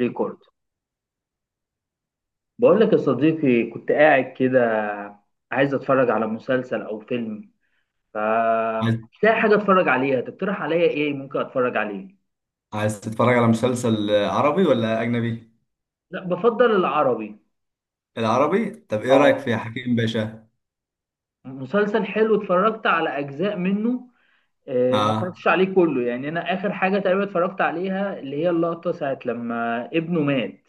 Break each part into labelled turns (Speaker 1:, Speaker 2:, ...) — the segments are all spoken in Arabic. Speaker 1: ريكورد. بقول لك يا صديقي، كنت قاعد كده عايز اتفرج على مسلسل او فيلم، ف
Speaker 2: عايز
Speaker 1: مش لاقي حاجه اتفرج عليها. تقترح عليا ايه ممكن اتفرج عليه؟
Speaker 2: عايز تتفرج على مسلسل عربي ولا أجنبي؟
Speaker 1: لا، بفضل العربي.
Speaker 2: العربي؟ طب إيه رأيك
Speaker 1: اه،
Speaker 2: في حكيم باشا؟
Speaker 1: مسلسل حلو، اتفرجت على اجزاء منه. آه، ما
Speaker 2: آه.
Speaker 1: اتفرجتش عليه كله، يعني انا اخر حاجه تقريبا اتفرجت عليها اللي هي اللقطه ساعه لما ابنه مات.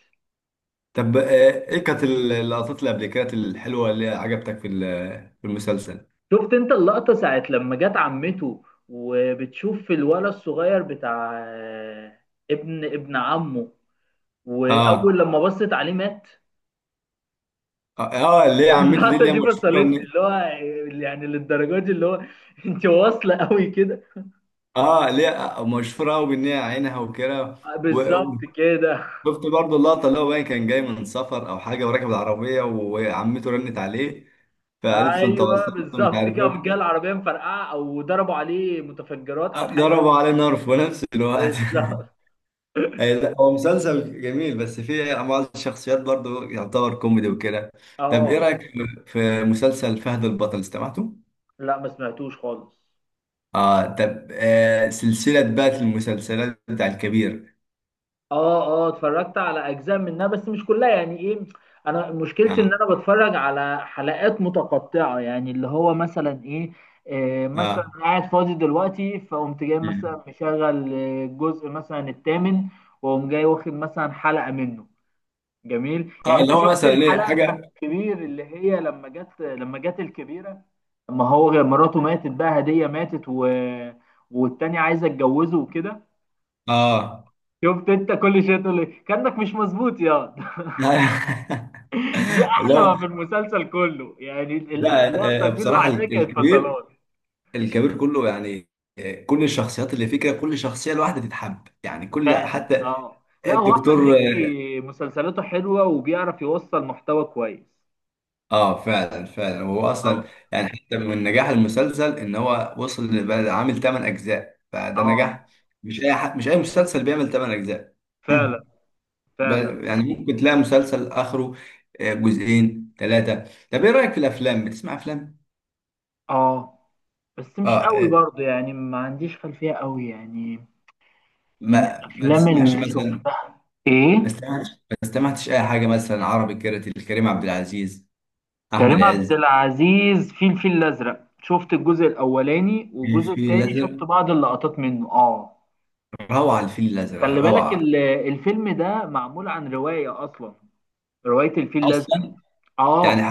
Speaker 2: طب إيه كانت اللقطات اللي قبل كده الحلوة اللي عجبتك في المسلسل؟
Speaker 1: شفت انت اللقطه ساعه لما جت عمته، وبتشوف الولد الصغير بتاع ابن ابن عمه، واول
Speaker 2: آه،
Speaker 1: لما بصت عليه مات.
Speaker 2: آه، اللي هي عمته دي
Speaker 1: اللقطه
Speaker 2: اللي هي
Speaker 1: دي
Speaker 2: مشهورة
Speaker 1: فصلتني،
Speaker 2: إن.
Speaker 1: اللي هو يعني للدرجه دي، اللي هو انت واصله قوي كده.
Speaker 2: اللي هي مشهورة أوي بإن هي عينها وكده. و-
Speaker 1: بالظبط كده.
Speaker 2: وشفت برضه اللقطة اللي هو باين كان جاي من سفر أو حاجة وراكب العربية وعمته رنت عليه، فقالت له أنت
Speaker 1: ايوه
Speaker 2: وصلت مش
Speaker 1: بالظبط
Speaker 2: عارف
Speaker 1: كده،
Speaker 2: إيه
Speaker 1: قامت جايه
Speaker 2: وكده.
Speaker 1: العربيه مفرقعه او ضربوا عليه متفجرات او حاجه.
Speaker 2: ضربوا عليه نار في نفس الوقت.
Speaker 1: بالظبط.
Speaker 2: أي لا، هو مسلسل جميل بس فيه بعض الشخصيات برضو يعتبر كوميدي وكده. طب ايه
Speaker 1: اه.
Speaker 2: رأيك في مسلسل فهد البطل استمعته؟
Speaker 1: لا، ما سمعتوش خالص.
Speaker 2: اه. طب سلسلة بقى المسلسلات بتاع الكبير.
Speaker 1: اه اه، اتفرجت على اجزاء منها بس مش كلها، يعني ايه. انا مشكلتي ان انا
Speaker 2: اه،
Speaker 1: بتفرج على حلقات متقطعه، يعني اللي هو مثلا ايه، مثلا
Speaker 2: اه،
Speaker 1: قاعد فاضي دلوقتي فقمت جاي
Speaker 2: مم.
Speaker 1: مثلا مشغل الجزء مثلا الثامن، واقوم جاي واخد مثلا حلقه منه. جميل.
Speaker 2: اه،
Speaker 1: يعني
Speaker 2: اللي
Speaker 1: انت
Speaker 2: هو
Speaker 1: شفت
Speaker 2: مثلا ايه
Speaker 1: الحلقه بتاعت
Speaker 2: حاجة.
Speaker 1: الكبير اللي هي لما جت الكبيره، لما هو مراته ماتت، بقى هديه ماتت والتانية عايزه اتجوزه وكده.
Speaker 2: اه.
Speaker 1: شفت انت كل شويه تقول لي كانك مش مظبوط يا. دي
Speaker 2: اللي
Speaker 1: احلى
Speaker 2: هو
Speaker 1: ما في المسلسل كله، يعني
Speaker 2: لا،
Speaker 1: اللقطه دي
Speaker 2: بصراحة
Speaker 1: لوحدها كانت
Speaker 2: الكبير،
Speaker 1: فصلات.
Speaker 2: الكبير كله يعني، كل الشخصيات اللي فيه كده كل شخصية لوحدها تتحب يعني، كل
Speaker 1: فعلا.
Speaker 2: حتى
Speaker 1: اه، لا هو احمد
Speaker 2: الدكتور.
Speaker 1: مكي مسلسلاته حلوه، وبيعرف يوصل محتوى كويس.
Speaker 2: اه فعلا، فعلا، هو اصلا
Speaker 1: اه
Speaker 2: يعني، حتى من نجاح المسلسل ان هو وصل لبقى عامل 8 اجزاء فده نجاح.
Speaker 1: اه
Speaker 2: مش اي حد، مش اي مسلسل بيعمل 8 اجزاء.
Speaker 1: فعلا فعلا.
Speaker 2: يعني ممكن تلاقي مسلسل اخره جزئين ثلاثه. طب ايه رايك في الافلام؟ بتسمع افلام؟
Speaker 1: اه، بس
Speaker 2: اه.
Speaker 1: مش قوي برضه، يعني ما عنديش خلفيه قوي يعني. من
Speaker 2: ما
Speaker 1: الافلام اللي
Speaker 2: تسمعش مثلا؟
Speaker 1: شفتها ايه،
Speaker 2: ما استمعتش اي حاجه مثلا عربي كده لكريم عبد العزيز، احمد
Speaker 1: كريم عبد
Speaker 2: عز؟
Speaker 1: العزيز في الفيل الأزرق، شفت الجزء الأولاني والجزء
Speaker 2: الفيل
Speaker 1: التاني، شفت
Speaker 2: الازرق،
Speaker 1: بعض اللقطات منه اه.
Speaker 2: روعه، الفيل الازرق
Speaker 1: خلي بالك
Speaker 2: روعه.
Speaker 1: الفيلم ده معمول عن رواية أصلا، رواية الفيل الأزرق.
Speaker 2: اصلا؟ يعني،
Speaker 1: اه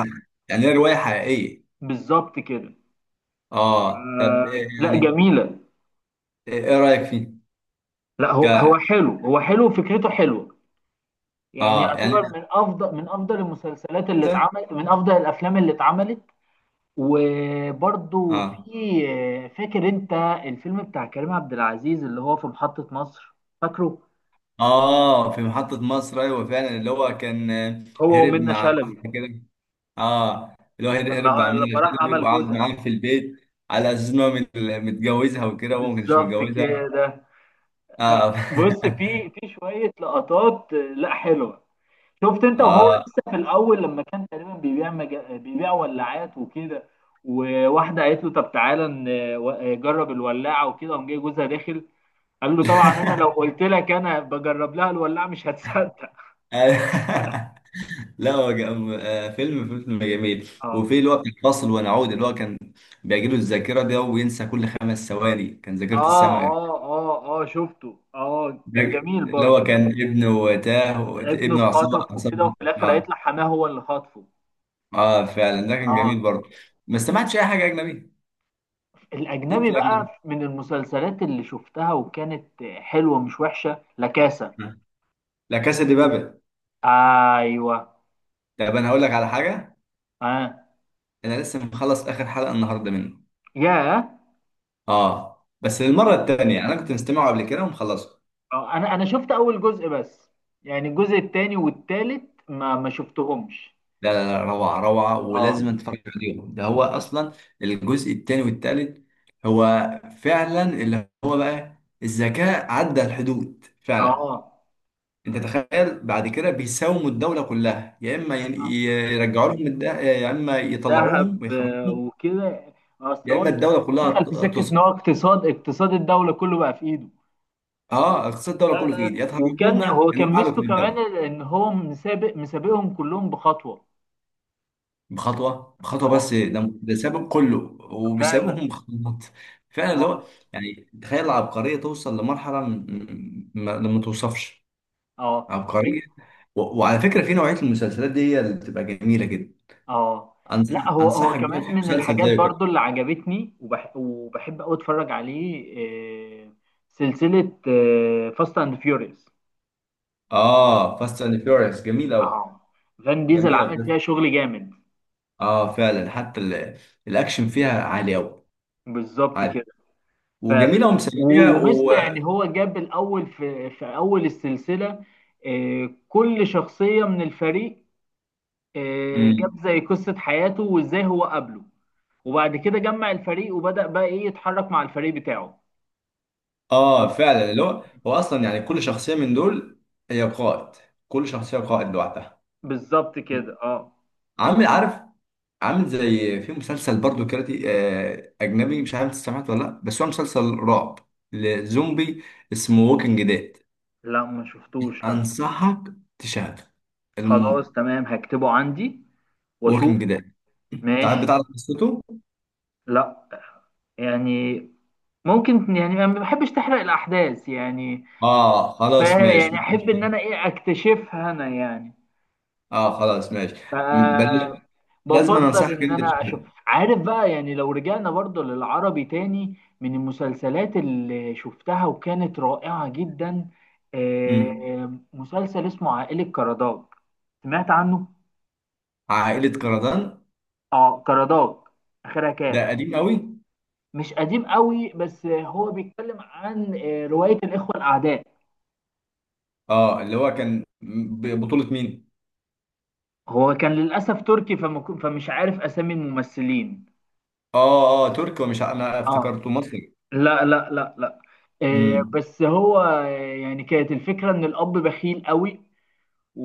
Speaker 2: يعني هي روايه حقيقيه.
Speaker 1: بالظبط كده.
Speaker 2: اه. طب
Speaker 1: آه،
Speaker 2: إيه
Speaker 1: لا
Speaker 2: يعني؟
Speaker 1: جميلة.
Speaker 2: ايه، إيه رايك فيه؟
Speaker 1: لا هو
Speaker 2: ك...
Speaker 1: هو حلو، فكرته حلوة. يعني
Speaker 2: اه يعني
Speaker 1: يعتبر من أفضل، من أفضل المسلسلات اللي
Speaker 2: انت،
Speaker 1: اتعمل، من أفضل الأفلام اللي اتعملت. وبرضو في،
Speaker 2: اه،
Speaker 1: فاكر انت الفيلم بتاع كريم عبد العزيز اللي هو في محطة مصر، فاكره؟
Speaker 2: اه، في محطة مصر، ايوه فعلا، اللي هو كان
Speaker 1: هو
Speaker 2: هرب
Speaker 1: ومنة
Speaker 2: مع
Speaker 1: شلبي.
Speaker 2: واحدة كده. اه، اللي هو هرب، مع منى
Speaker 1: لما راح
Speaker 2: شلبي
Speaker 1: عمل
Speaker 2: وقعد
Speaker 1: جوزها،
Speaker 2: معاها في البيت على اساس ان هو متجوزها وكده، وهو ما كانش
Speaker 1: بالظبط
Speaker 2: متجوزها.
Speaker 1: كده.
Speaker 2: اه.
Speaker 1: بص، في شوية لقطات لا حلوة. شفت انت وهو
Speaker 2: اه.
Speaker 1: لسه في الاول، لما كان تقريبا بيبيع بيبيع ولاعات وكده، وواحدة قالت له طب تعالى جرب الولاعة، وكده قام جاي جوزها داخل. قال له طبعا انا لو قلت لك انا بجرب لها الولاعة مش هتصدق.
Speaker 2: لا هو فيلم، جميل.
Speaker 1: اه
Speaker 2: وفي اللي هو بتاع فاصل ونعود، اللي هو كان بيجيله الذاكرة ده وينسى كل 5 ثواني، كان ذاكرة
Speaker 1: اه
Speaker 2: السمع.
Speaker 1: اه اه، اه شفته، اه
Speaker 2: ده
Speaker 1: كان جميل
Speaker 2: اللي
Speaker 1: برضه.
Speaker 2: هو كان ابنه تاه،
Speaker 1: ابنه
Speaker 2: ابنه عصابة
Speaker 1: اتخطف وكده،
Speaker 2: عصابة
Speaker 1: وفي الاخر
Speaker 2: اه.
Speaker 1: هيطلع حماه هو اللي خاطفه.
Speaker 2: اه فعلا، ده كان جميل
Speaker 1: اه.
Speaker 2: برضه. ما استمعتش اي حاجه اجنبي ليك
Speaker 1: الاجنبي
Speaker 2: في الاجنبي؟
Speaker 1: بقى من المسلسلات اللي شفتها وكانت حلوه، مش وحشه، لكاسة.
Speaker 2: آه. لا، كاسا دي بابل.
Speaker 1: ايوه.
Speaker 2: طب انا هقول لك على حاجه.
Speaker 1: اه.
Speaker 2: انا لسه مخلص اخر حلقه النهارده منه.
Speaker 1: ياه.
Speaker 2: اه بس للمره الثانيه انا كنت مستمعه قبل كده ومخلصه.
Speaker 1: انا شفت اول جزء بس، يعني الجزء التاني والتالت ما شفتهمش.
Speaker 2: لا، لا، لا، روعه، روعه، ولازم
Speaker 1: اه
Speaker 2: اتفرج عليهم، ده هو اصلا الجزء الثاني والثالث، هو فعلا اللي هو بقى الذكاء عدى الحدود فعلا.
Speaker 1: اه.
Speaker 2: انت تخيل بعد كده بيساوموا الدوله كلها، يا اما يرجعوا لهم يا اما
Speaker 1: الذهب
Speaker 2: يطلعوهم ويخرجوهم،
Speaker 1: وكده. اصل
Speaker 2: يا اما
Speaker 1: هو
Speaker 2: الدوله كلها
Speaker 1: دخل في سكه ان
Speaker 2: تسقط.
Speaker 1: هو اقتصاد الدوله كله بقى في ايده.
Speaker 2: اه، اقتصاد الدوله
Speaker 1: لا
Speaker 2: كله في
Speaker 1: لا،
Speaker 2: ايدي، يا
Speaker 1: وكان
Speaker 2: تهربونا
Speaker 1: هو كان
Speaker 2: نوقع لكم
Speaker 1: ميزته كمان
Speaker 2: الدوله
Speaker 1: ان هو مسابقهم كلهم بخطوه.
Speaker 2: بخطوه، بخطوه
Speaker 1: اه
Speaker 2: بس، ده سابق كله
Speaker 1: فعلا.
Speaker 2: وبيسابقهم بخطوات. فعلا اللي هو
Speaker 1: اه
Speaker 2: يعني، تخيل العبقريه توصل لمرحله ما توصفش،
Speaker 1: اه
Speaker 2: عبقريه. وعلى فكره، في نوعيه المسلسلات دي هي اللي بتبقى جميله جدا.
Speaker 1: اه. لا هو، هو
Speaker 2: انصحك بيها
Speaker 1: كمان
Speaker 2: في
Speaker 1: من
Speaker 2: مسلسل زي.
Speaker 1: الحاجات برضو اللي عجبتني وبحب قوي اتفرج عليه. آه، سلسله فاست اند فيوريوس.
Speaker 2: اه، فاست اند فيوريوس جميل قوي،
Speaker 1: اه، فان ديزل
Speaker 2: جميله
Speaker 1: عمل
Speaker 2: بجد.
Speaker 1: فيها شغل جامد.
Speaker 2: اه فعلا، الاكشن فيها عالي قوي،
Speaker 1: بالظبط كده.
Speaker 2: عالي،
Speaker 1: فعلا.
Speaker 2: وجميله ومسليه و...
Speaker 1: وميستا، يعني هو جاب الاول في اول السلسله كل شخصيه من الفريق جاب
Speaker 2: مم.
Speaker 1: زي قصه حياته وازاي هو قابله. وبعد كده جمع الفريق وبدأ بقى ايه يتحرك مع الفريق بتاعه.
Speaker 2: اه فعلا، اللي هو هو اصلا يعني كل شخصيه من دول هي قائد، كل شخصيه قائد لوحدها.
Speaker 1: بالظبط كده. اه.
Speaker 2: عامل عارف، عامل زي في مسلسل برضو كاراتي، اجنبي، مش عارف انت سمعت ولا لا، بس هو مسلسل رعب، لزومبي، اسمه ووكينج ديد.
Speaker 1: لا ما شفتوش لا.
Speaker 2: انصحك تشاهده.
Speaker 1: خلاص
Speaker 2: الم...
Speaker 1: تمام، هكتبه عندي واشوف.
Speaker 2: ووكينج ديد. تعال،
Speaker 1: ماشي.
Speaker 2: بتعرف قصته؟
Speaker 1: لا، يعني ممكن، يعني انا ما بحبش تحرق الاحداث يعني.
Speaker 2: اه
Speaker 1: ف
Speaker 2: خلاص، ماشي،
Speaker 1: يعني
Speaker 2: ماشي.
Speaker 1: احب ان انا ايه اكتشفها انا يعني.
Speaker 2: اه خلاص، ماشي.
Speaker 1: ف
Speaker 2: بلاش. لازم انا
Speaker 1: بفضل
Speaker 2: انصحك
Speaker 1: ان
Speaker 2: انت
Speaker 1: انا اشوف.
Speaker 2: تشوفها.
Speaker 1: عارف بقى، يعني لو رجعنا برضه للعربي تاني، من المسلسلات اللي شفتها وكانت رائعة جدا
Speaker 2: مم.
Speaker 1: مسلسل اسمه عائلة كرداج. سمعت عنه؟
Speaker 2: عائلة كردان؟
Speaker 1: اه، كرداج، اخرها
Speaker 2: ده
Speaker 1: كاف.
Speaker 2: قديم قوي.
Speaker 1: مش قديم قوي، بس هو بيتكلم عن رواية الإخوة الأعداء.
Speaker 2: اه، اللي هو كان ببطولة مين؟
Speaker 1: هو كان للأسف تركي فمش عارف أسامي الممثلين.
Speaker 2: اه، اه تركي، انا
Speaker 1: اه
Speaker 2: افتكرته مصري.
Speaker 1: لا لا لا لا.
Speaker 2: امم.
Speaker 1: بس هو يعني كانت الفكرة ان الاب بخيل قوي،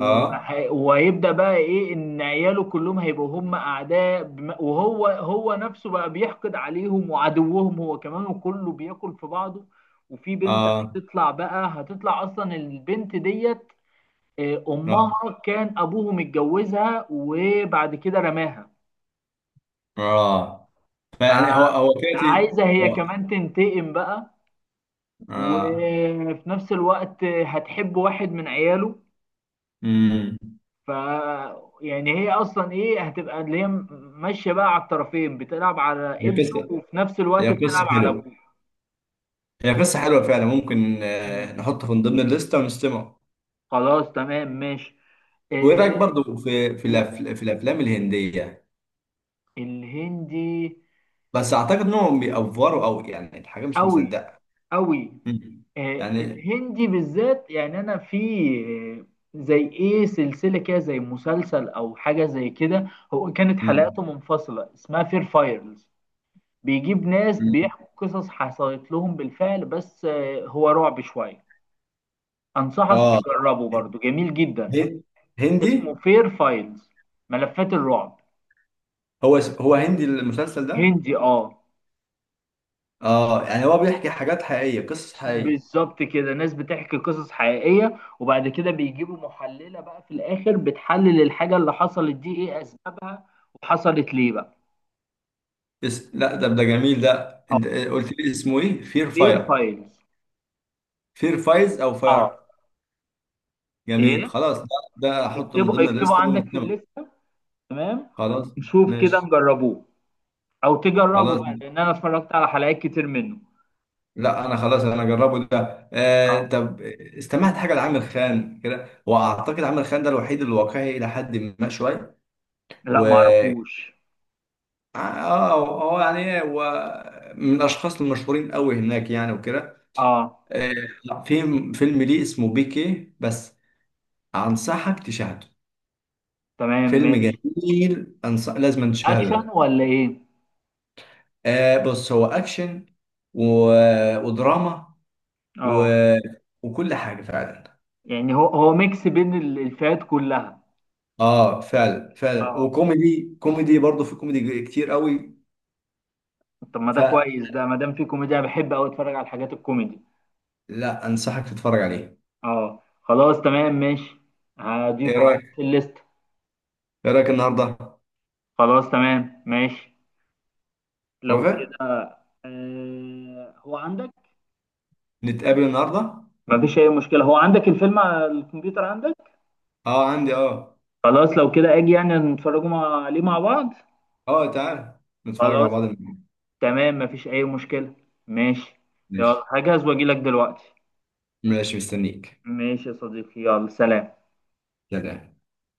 Speaker 2: اه،
Speaker 1: وهيبدأ بقى ايه ان عياله كلهم هيبقوا هم اعداء، وهو نفسه بقى بيحقد عليهم وعدوهم هو كمان، وكله بياكل في بعضه. وفي بنت
Speaker 2: اه،
Speaker 1: هتطلع بقى، هتطلع اصلا البنت ديت
Speaker 2: اه،
Speaker 1: امها كان ابوه متجوزها وبعد كده رماها،
Speaker 2: اه. فيعني هو، هو
Speaker 1: فعايزة هي كمان تنتقم بقى.
Speaker 2: اه.
Speaker 1: وفي نفس الوقت هتحب واحد من عياله.
Speaker 2: امم.
Speaker 1: ف يعني هي اصلا ايه هتبقى اللي هي ماشيه بقى على الطرفين، بتلعب على
Speaker 2: هي
Speaker 1: ابنه
Speaker 2: قصة،
Speaker 1: وفي نفس الوقت
Speaker 2: هي قصة
Speaker 1: بتلعب على
Speaker 2: حلوة
Speaker 1: ابوه.
Speaker 2: هي قصة حلوة فعلا. ممكن
Speaker 1: مم.
Speaker 2: نحطه من ضمن الليستة ونستمع.
Speaker 1: خلاص تمام ماشي.
Speaker 2: وايه
Speaker 1: آه.
Speaker 2: رايك برضو في
Speaker 1: قول.
Speaker 2: في الافلام الهنديه؟
Speaker 1: الهندي
Speaker 2: بس اعتقد انهم بيأفوروا، او يعني الحاجه مش
Speaker 1: قوي
Speaker 2: مصدقه.
Speaker 1: قوي.
Speaker 2: مم.
Speaker 1: آه،
Speaker 2: يعني.
Speaker 1: الهندي بالذات يعني انا في آه، زي ايه سلسله كده زي مسلسل او حاجه زي كده، هو كانت
Speaker 2: مم.
Speaker 1: حلقاته منفصله اسمها فير فايرز. بيجيب ناس
Speaker 2: مم.
Speaker 1: بيحكوا قصص حصلت لهم بالفعل، بس هو رعب شوية. أنصحك
Speaker 2: اه
Speaker 1: تجربه برضو، جميل جدا.
Speaker 2: هن- هندي.
Speaker 1: اسمه فير فايلز، ملفات الرعب.
Speaker 2: هو هو هندي المسلسل ده؟
Speaker 1: هندي اه.
Speaker 2: اه يعني هو بيحكي حاجات حقيقيه، قصص حقيقيه.
Speaker 1: بالظبط كده، ناس بتحكي قصص حقيقية، وبعد كده بيجيبوا محللة بقى في الآخر بتحلل الحاجة اللي حصلت دي إيه أسبابها وحصلت ليه بقى.
Speaker 2: لا، ده ده جميل. ده انت
Speaker 1: اه،
Speaker 2: قلت لي اسمه ايه؟ فير
Speaker 1: فير
Speaker 2: فاير؟
Speaker 1: فايلز.
Speaker 2: فير فايز او
Speaker 1: اه،
Speaker 2: فاير؟ جميل
Speaker 1: إيه،
Speaker 2: خلاص، ده ده احطه من ضمن
Speaker 1: اكتبوا
Speaker 2: الليسته
Speaker 1: عندك في
Speaker 2: ونتكلم.
Speaker 1: الليستة. تمام.
Speaker 2: خلاص
Speaker 1: ونشوف كده
Speaker 2: ماشي.
Speaker 1: نجربوه، او تجربه
Speaker 2: خلاص.
Speaker 1: بقى لان انا اتفرجت على حلقات كتير منه.
Speaker 2: لا انا خلاص انا اجربه ده. آه
Speaker 1: اه.
Speaker 2: طب، استمعت حاجه لعامر خان كده؟ واعتقد عامر خان ده الوحيد الواقعي الى حد ما شويه.
Speaker 1: لا
Speaker 2: و،
Speaker 1: ما اعرفوش.
Speaker 2: اه، هو يعني إيه، هو من الاشخاص المشهورين قوي هناك يعني وكده.
Speaker 1: اه
Speaker 2: آه. لا، في فيلم ليه اسمه بيكي بس، انصحك تشاهده.
Speaker 1: تمام
Speaker 2: فيلم
Speaker 1: ماشي.
Speaker 2: جميل. لازم تشاهده
Speaker 1: اكشن
Speaker 2: ده.
Speaker 1: ولا ايه؟
Speaker 2: آه بص، هو اكشن و... ودراما و...
Speaker 1: اه،
Speaker 2: وكل حاجه فعلا.
Speaker 1: يعني هو ميكس بين الفئات كلها.
Speaker 2: اه فعلا، فعلا،
Speaker 1: اه
Speaker 2: وكوميدي برضه، في كوميدي كتير قوي.
Speaker 1: طب ما ده
Speaker 2: فلا،
Speaker 1: كويس، ده ما دام في كوميديا أنا بحب قوي اتفرج على الحاجات الكوميدي.
Speaker 2: انصحك تتفرج عليه.
Speaker 1: اه، خلاص تمام ماشي.
Speaker 2: ايه
Speaker 1: هضيفه عندي
Speaker 2: رايك؟
Speaker 1: في الليست.
Speaker 2: ايه رايك النهارده؟
Speaker 1: خلاص تمام ماشي لو
Speaker 2: وافق
Speaker 1: كده. آه هو عندك؟
Speaker 2: نتقابل النهارده؟
Speaker 1: ما فيش اي مشكلة، هو عندك الفيلم على الكمبيوتر عندك.
Speaker 2: اه عندي، اه.
Speaker 1: خلاص لو كده اجي، يعني نتفرجوا عليه مع بعض.
Speaker 2: اه تعال، نتفرج مع
Speaker 1: خلاص
Speaker 2: بعض النهاردة.
Speaker 1: تمام، مفيش اي مشكلة. ماشي. يلا
Speaker 2: ماشي.
Speaker 1: هجهز واجي لك دلوقتي.
Speaker 2: ماشي، مستنيك.
Speaker 1: ماشي يا صديقي، يلا سلام.
Speaker 2: سلام.